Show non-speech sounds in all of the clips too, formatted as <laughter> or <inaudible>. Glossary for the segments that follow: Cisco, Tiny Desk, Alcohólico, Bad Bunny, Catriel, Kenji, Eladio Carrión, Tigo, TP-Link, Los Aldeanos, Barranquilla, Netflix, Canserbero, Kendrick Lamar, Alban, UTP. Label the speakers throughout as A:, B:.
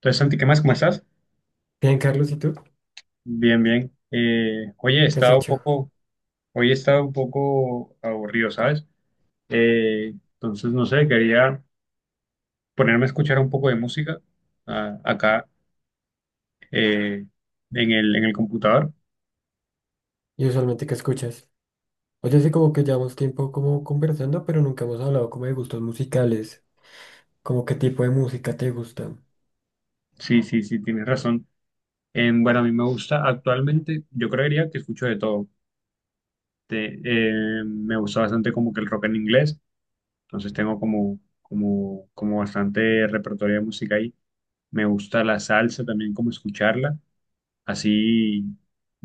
A: Entonces, Santi, ¿qué más? ¿Cómo estás?
B: Bien, Carlos, ¿y tú?
A: Bien, bien. Oye, he
B: ¿Qué has
A: estado un
B: hecho?
A: poco, hoy he estado un poco aburrido, ¿sabes? Entonces, no sé, quería ponerme a escuchar un poco de música ah, acá eh, en el computador.
B: ¿Y usualmente qué escuchas? Oye, sí, como que llevamos tiempo como conversando, pero nunca hemos hablado como de gustos musicales. Como qué tipo de música te gusta.
A: Sí, sí, sí, tienes razón. Em, bueno, a mí me gusta actualmente, yo creería que escucho de todo. Me gusta bastante como que el rock en inglés, entonces tengo como, como bastante repertorio de música ahí. Me gusta la salsa también, como escucharla. Así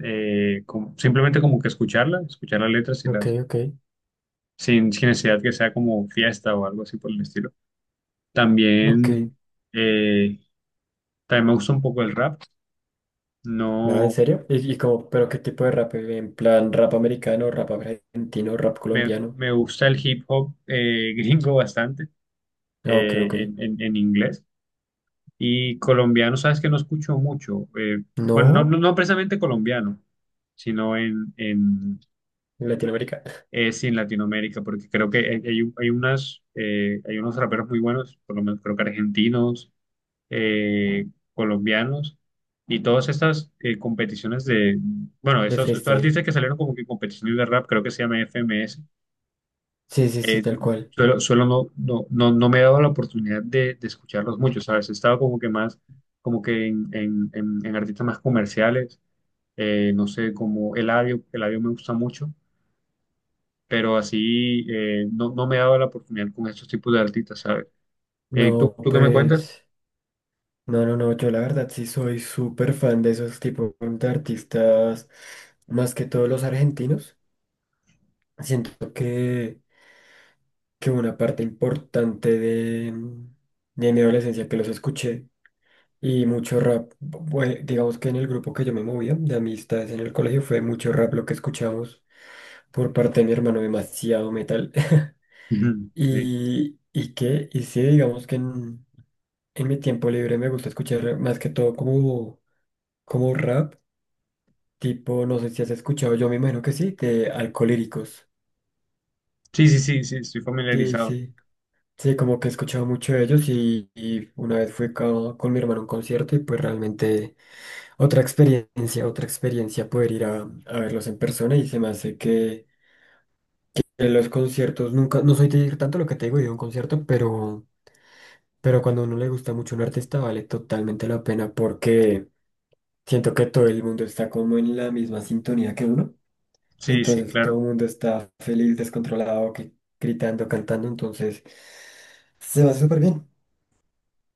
A: simplemente como que escucharla, escuchar las letras y
B: Ok,
A: las,
B: ok,
A: sin necesidad que sea como fiesta o algo así por el estilo.
B: ok.
A: También, eh, también me gusta un poco el rap,
B: Nada, ¿en
A: no,
B: serio? ¿Y como, pero ¿qué tipo de rap? ¿En plan rap americano, rap argentino, rap
A: me,
B: colombiano?
A: me gusta el hip hop <laughs> gringo bastante
B: Ah, ok, ok.
A: en inglés y colombiano, sabes que no escucho mucho, bueno,
B: ¿No?
A: no precisamente colombiano, sino
B: ¿En Latinoamérica? <laughs>
A: sí, en Latinoamérica, porque creo que hay, hay unas, hay unos raperos muy buenos, por lo menos creo que argentinos, eh, colombianos, y todas estas competiciones de, bueno,
B: De
A: estos
B: freestyle.
A: artistas que salieron como que en competiciones de rap, creo que se llama FMS,
B: Sí, sí, sí,
A: eh,
B: tal cual.
A: suelo, suelo no, no me he dado la oportunidad de escucharlos mucho, ¿sabes? He estado como que más, como que en, en artistas más comerciales, no sé, como Eladio, Eladio me gusta mucho pero así no, no me daba la oportunidad con estos tipos de artistas, ¿sabes?
B: No,
A: Tú qué me cuentas?
B: pues... No, no, no, yo la verdad sí soy súper fan de esos tipos de artistas, más que todos los argentinos. Siento que una parte importante de mi adolescencia que los escuché y mucho rap, digamos que en el grupo que yo me movía de amistades en el colegio fue mucho rap lo que escuchamos por parte de mi hermano, demasiado metal. <laughs>
A: Ujú, sí.
B: Y que, y sí, digamos que en mi tiempo libre me gusta escuchar más que todo como, como rap. Tipo, no sé si has escuchado, yo me imagino que sí, de Alcolíricos.
A: Sí, sí, sí, sí, estoy
B: Sí,
A: familiarizado.
B: sí. Sí, como que he escuchado mucho de ellos y una vez fui con mi hermano a un concierto y pues realmente otra experiencia poder ir a verlos en persona y se me hace que en los conciertos nunca, no soy de ir tanto lo que te digo, ir a un concierto, pero cuando a uno le gusta mucho un artista vale totalmente la pena porque siento que todo el mundo está como en la misma sintonía que uno.
A: Sí, sí,
B: Entonces todo
A: claro.
B: el mundo está feliz, descontrolado, gritando, cantando. Entonces se va súper bien.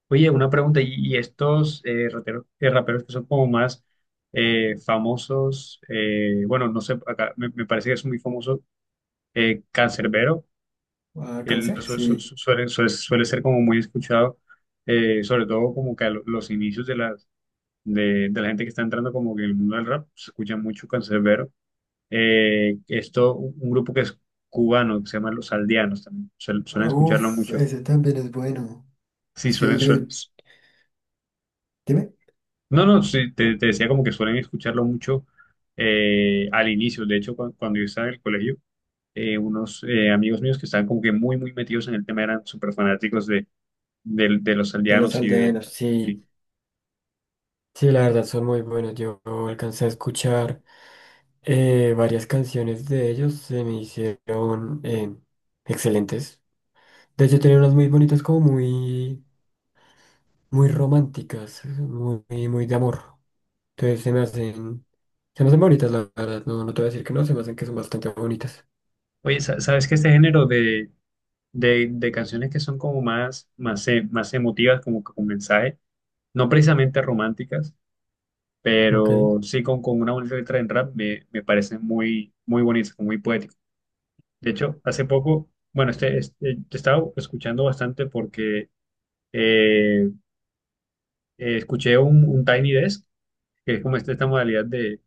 A: Oye, una pregunta, ¿y estos raperos que son como más famosos? Bueno, no sé, acá me parece que es muy famoso Canserbero,
B: A
A: él
B: cáncer, sí.
A: suele ser como muy escuchado, sobre todo como que a los inicios de las, de la gente que está entrando como que en el mundo del rap, se escucha mucho Canserbero. Esto, un grupo que es cubano, que se llama Los Aldeanos también, suelen
B: Ah,
A: escucharlo
B: uf,
A: mucho.
B: ese también es bueno.
A: Sí,
B: Sí,
A: suelen,
B: yo,
A: suel-
B: dime.
A: No, no, sí, te decía como que suelen escucharlo mucho al inicio. De hecho, cuando yo estaba en el colegio, unos amigos míos que estaban como que muy, muy metidos en el tema eran súper fanáticos de, de Los
B: De los
A: Aldeanos y de...
B: Aldeanos,
A: y-
B: sí. Sí, la verdad son muy buenos. Yo alcancé a escuchar varias canciones de ellos. Se me hicieron excelentes. De hecho, tenía unas muy bonitas, como muy, muy románticas, muy, muy de amor. Entonces se me hacen. Se me hacen bonitas, la verdad. No, no te voy a decir que no, se me hacen que son bastante bonitas.
A: Oye, ¿sabes que este género de, de canciones que son como más, más emotivas, como que con mensaje, no precisamente románticas,
B: Ok.
A: pero sí con una bonita letra en rap me parece muy, muy bonito, muy poético? De hecho, hace poco, bueno, este, te estaba escuchando bastante porque eh, escuché un Tiny Desk, que es como esta modalidad de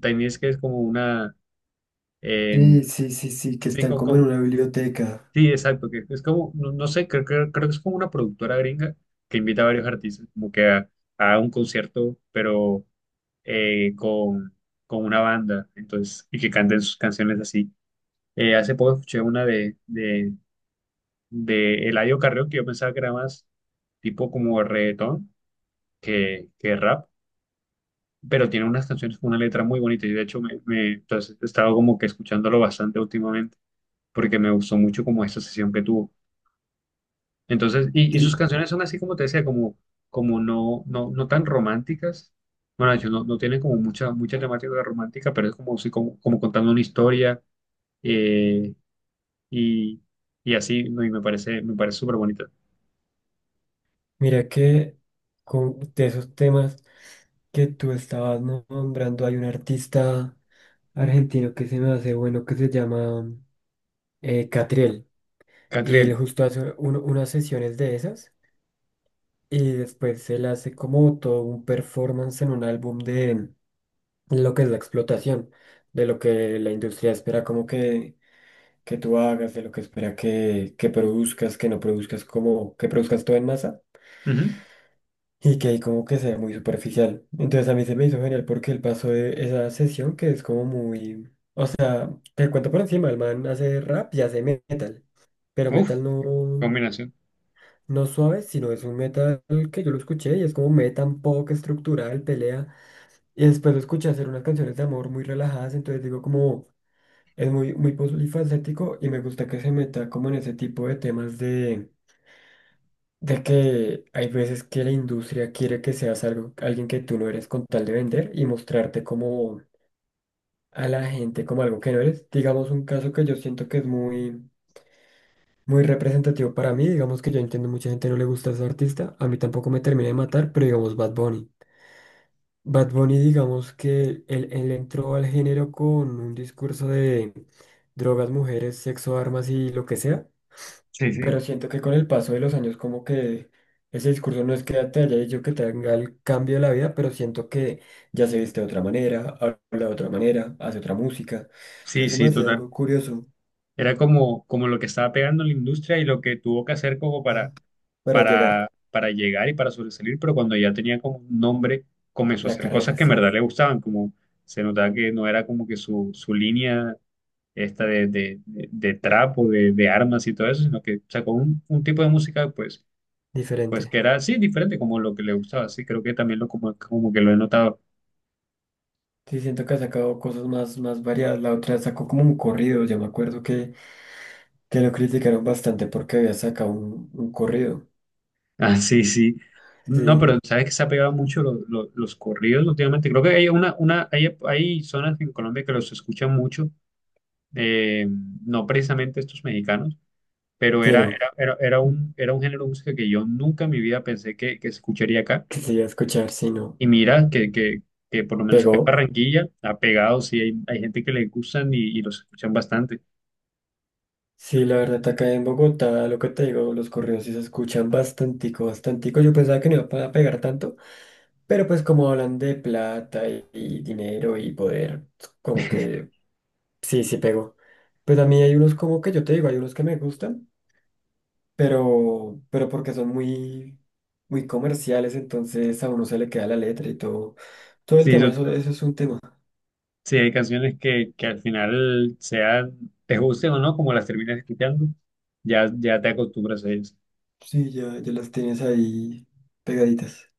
A: Tiny Desk, que es como una... eh,
B: Sí, sí, sí, sí, que
A: sí,
B: están como en una biblioteca.
A: sí, exacto, que es como, no, no sé, creo que es como una productora gringa que invita a varios artistas como que a un concierto, pero eh, con, con una banda, entonces, y que canten sus canciones así. Hace poco escuché una de Eladio Carrión, que yo pensaba que era más tipo como reggaetón que rap, pero tiene unas canciones con una letra muy bonita y de hecho entonces he estado como que escuchándolo bastante últimamente porque me gustó mucho como esta sesión que tuvo. Entonces, y sus
B: Sí,
A: canciones son así como te decía, como, como no, no tan románticas. Bueno, de hecho, no, no tienen como mucha, mucha temática romántica, pero es como, sí, como, como contando una historia eh, y, y así, ¿no? Y me parece súper bonito.
B: mira que con, de esos temas que tú estabas nombrando, hay un artista argentino que se me hace bueno que se llama Catriel. Y
A: Catriel.
B: él justo hace unas sesiones de esas y después él hace como todo un performance en un álbum de lo que es la explotación, de lo que la industria espera como que tú hagas, de lo que espera que produzcas, que no produzcas, como que produzcas todo en masa
A: Ujú.
B: y que ahí como que sea muy superficial. Entonces a mí se me hizo genial porque el paso de esa sesión que es como muy... Te cuento por encima, el man hace rap y hace metal, pero metal
A: Uf,
B: no,
A: combinación.
B: no suave, sino es un metal que yo lo escuché y es como metal pop estructural, pelea. Y después lo escuché hacer unas canciones de amor muy relajadas, entonces digo como... Es muy, muy polifacético y me gusta que se meta como en ese tipo de temas de que hay veces que la industria quiere que seas algo, alguien que tú no eres con tal de vender y mostrarte como a la gente como algo que no eres. Digamos un caso que yo siento que es muy, muy representativo para mí, digamos que yo entiendo mucha gente no le gusta ese artista, a mí tampoco me termina de matar, pero digamos Bad Bunny. Bad Bunny, digamos que él entró al género con un discurso de drogas, mujeres, sexo, armas y lo que sea.
A: Sí,
B: Pero
A: sí.
B: siento que con el paso de los años como que ese discurso no es que te haya dicho que tenga el cambio de la vida, pero siento que ya se viste de otra manera, habla de otra manera, hace otra música.
A: Sí,
B: Entonces se me
A: sí,
B: hace
A: total.
B: algo curioso.
A: Era como, como lo que estaba pegando en la industria y lo que tuvo que hacer como para,
B: Ajá, para llegar
A: para llegar y para sobresalir, pero cuando ya tenía como un nombre, comenzó a
B: la
A: hacer cosas
B: carrera,
A: que en
B: sí,
A: verdad le gustaban, como se notaba que no era como que su línea esta de, de trap o de armas y todo eso, sino que sacó un tipo de música, pues pues
B: diferente.
A: que era así, diferente como lo que le gustaba, sí, creo que también lo como, como que lo he notado. <laughs>
B: Sí, siento que ha sacado cosas más, más variadas. La otra sacó como un corrido, yo me acuerdo que lo criticaron bastante porque había sacado un corrido.
A: Ah, sí, sí. No,
B: Sí,
A: pero sabes que se ha pegado mucho los corridos últimamente. Creo que hay una, hay zonas en Colombia que los escuchan mucho, eh, no precisamente estos mexicanos, pero
B: sí,
A: era,
B: no.
A: era un género de música que yo nunca en mi vida pensé que se escucharía acá.
B: Quisiera escuchar, sí, no.
A: Y mira que, que por lo menos acá en
B: Pegó.
A: Barranquilla ha pegado, sí, hay gente que le gustan y los escuchan bastante.
B: Sí, la verdad, acá en Bogotá, lo que te digo, los correos sí se escuchan bastantico, bastantico. Yo pensaba que no iba a pegar tanto, pero pues como hablan de plata y dinero y poder, como que sí, sí pegó. Pues a mí hay unos como que yo te digo, hay unos que me gustan, pero porque son muy, muy comerciales, entonces a uno se le queda la letra y todo, todo el
A: Sí,
B: tema, eso es un tema.
A: sí, hay canciones que al final sean, te gusten o no, como las terminas escuchando, ya, ya te acostumbras a ellas.
B: Sí, ya, ya las tienes ahí pegaditas.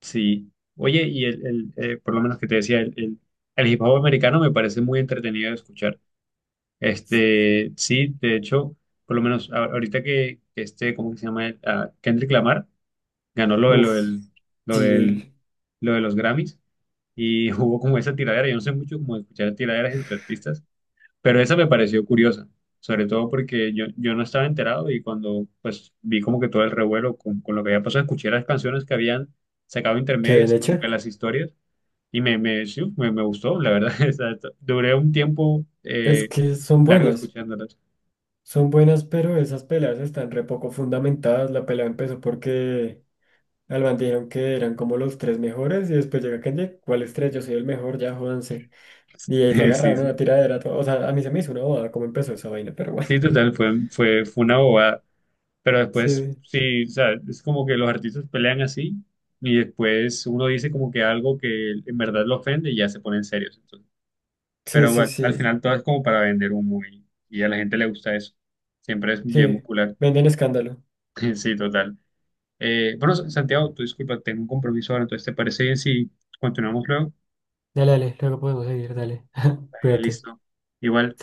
A: Sí. Oye, y el, por lo menos que te decía, el, el hip hop americano me parece muy entretenido de escuchar. Este, sí, de hecho, por lo menos ahorita que este, ¿cómo que se llama? Ah, Kendrick Lamar ganó lo de,
B: Uf,
A: lo
B: sí,
A: del,
B: el,
A: lo de los Grammys y <laughs> hubo como esa tiradera. Yo no sé mucho cómo escuchar tiraderas entre artistas. Pero esa me pareció curiosa, sobre todo porque yo no estaba enterado y cuando pues vi como que todo el revuelo con lo que había pasado, escuché las canciones que habían sacado
B: qué bien
A: intermedias y
B: hecho.
A: como que las historias sí, me gustó, la verdad. <laughs> O sea, duré un tiempo
B: Es que
A: largo escuchándolas.
B: son buenas, pero esas peleas están re poco fundamentadas. La pelea empezó porque Alban dijeron que eran como los tres mejores y después llega Kenji, ¿cuáles tres? Yo soy el mejor, ya jódanse. Y ahí se
A: <laughs> Sí,
B: agarraron a una
A: sí.
B: tiradera. Todo. O sea, a mí se me hizo una boda cómo empezó esa vaina, pero bueno.
A: Sí,
B: <laughs>
A: total, fue, fue una bobada. Pero después,
B: Sí,
A: sí, o sea, es como que los artistas pelean así y después uno dice como que algo que en verdad lo ofende y ya se ponen serios.
B: sí,
A: Pero
B: sí,
A: bueno, al
B: sí.
A: final todo es como para vender humo y a la gente le gusta eso. Siempre es bien
B: Sí,
A: muscular.
B: venden escándalo.
A: <laughs> Sí, total. Bueno, Santiago, tú disculpa, tengo un compromiso ahora, entonces ¿te parece bien si continuamos luego?
B: Dale, dale, luego podemos seguir, dale. <laughs>
A: Dale,
B: Cuídate. Hasta
A: listo.
B: luego.
A: Igual.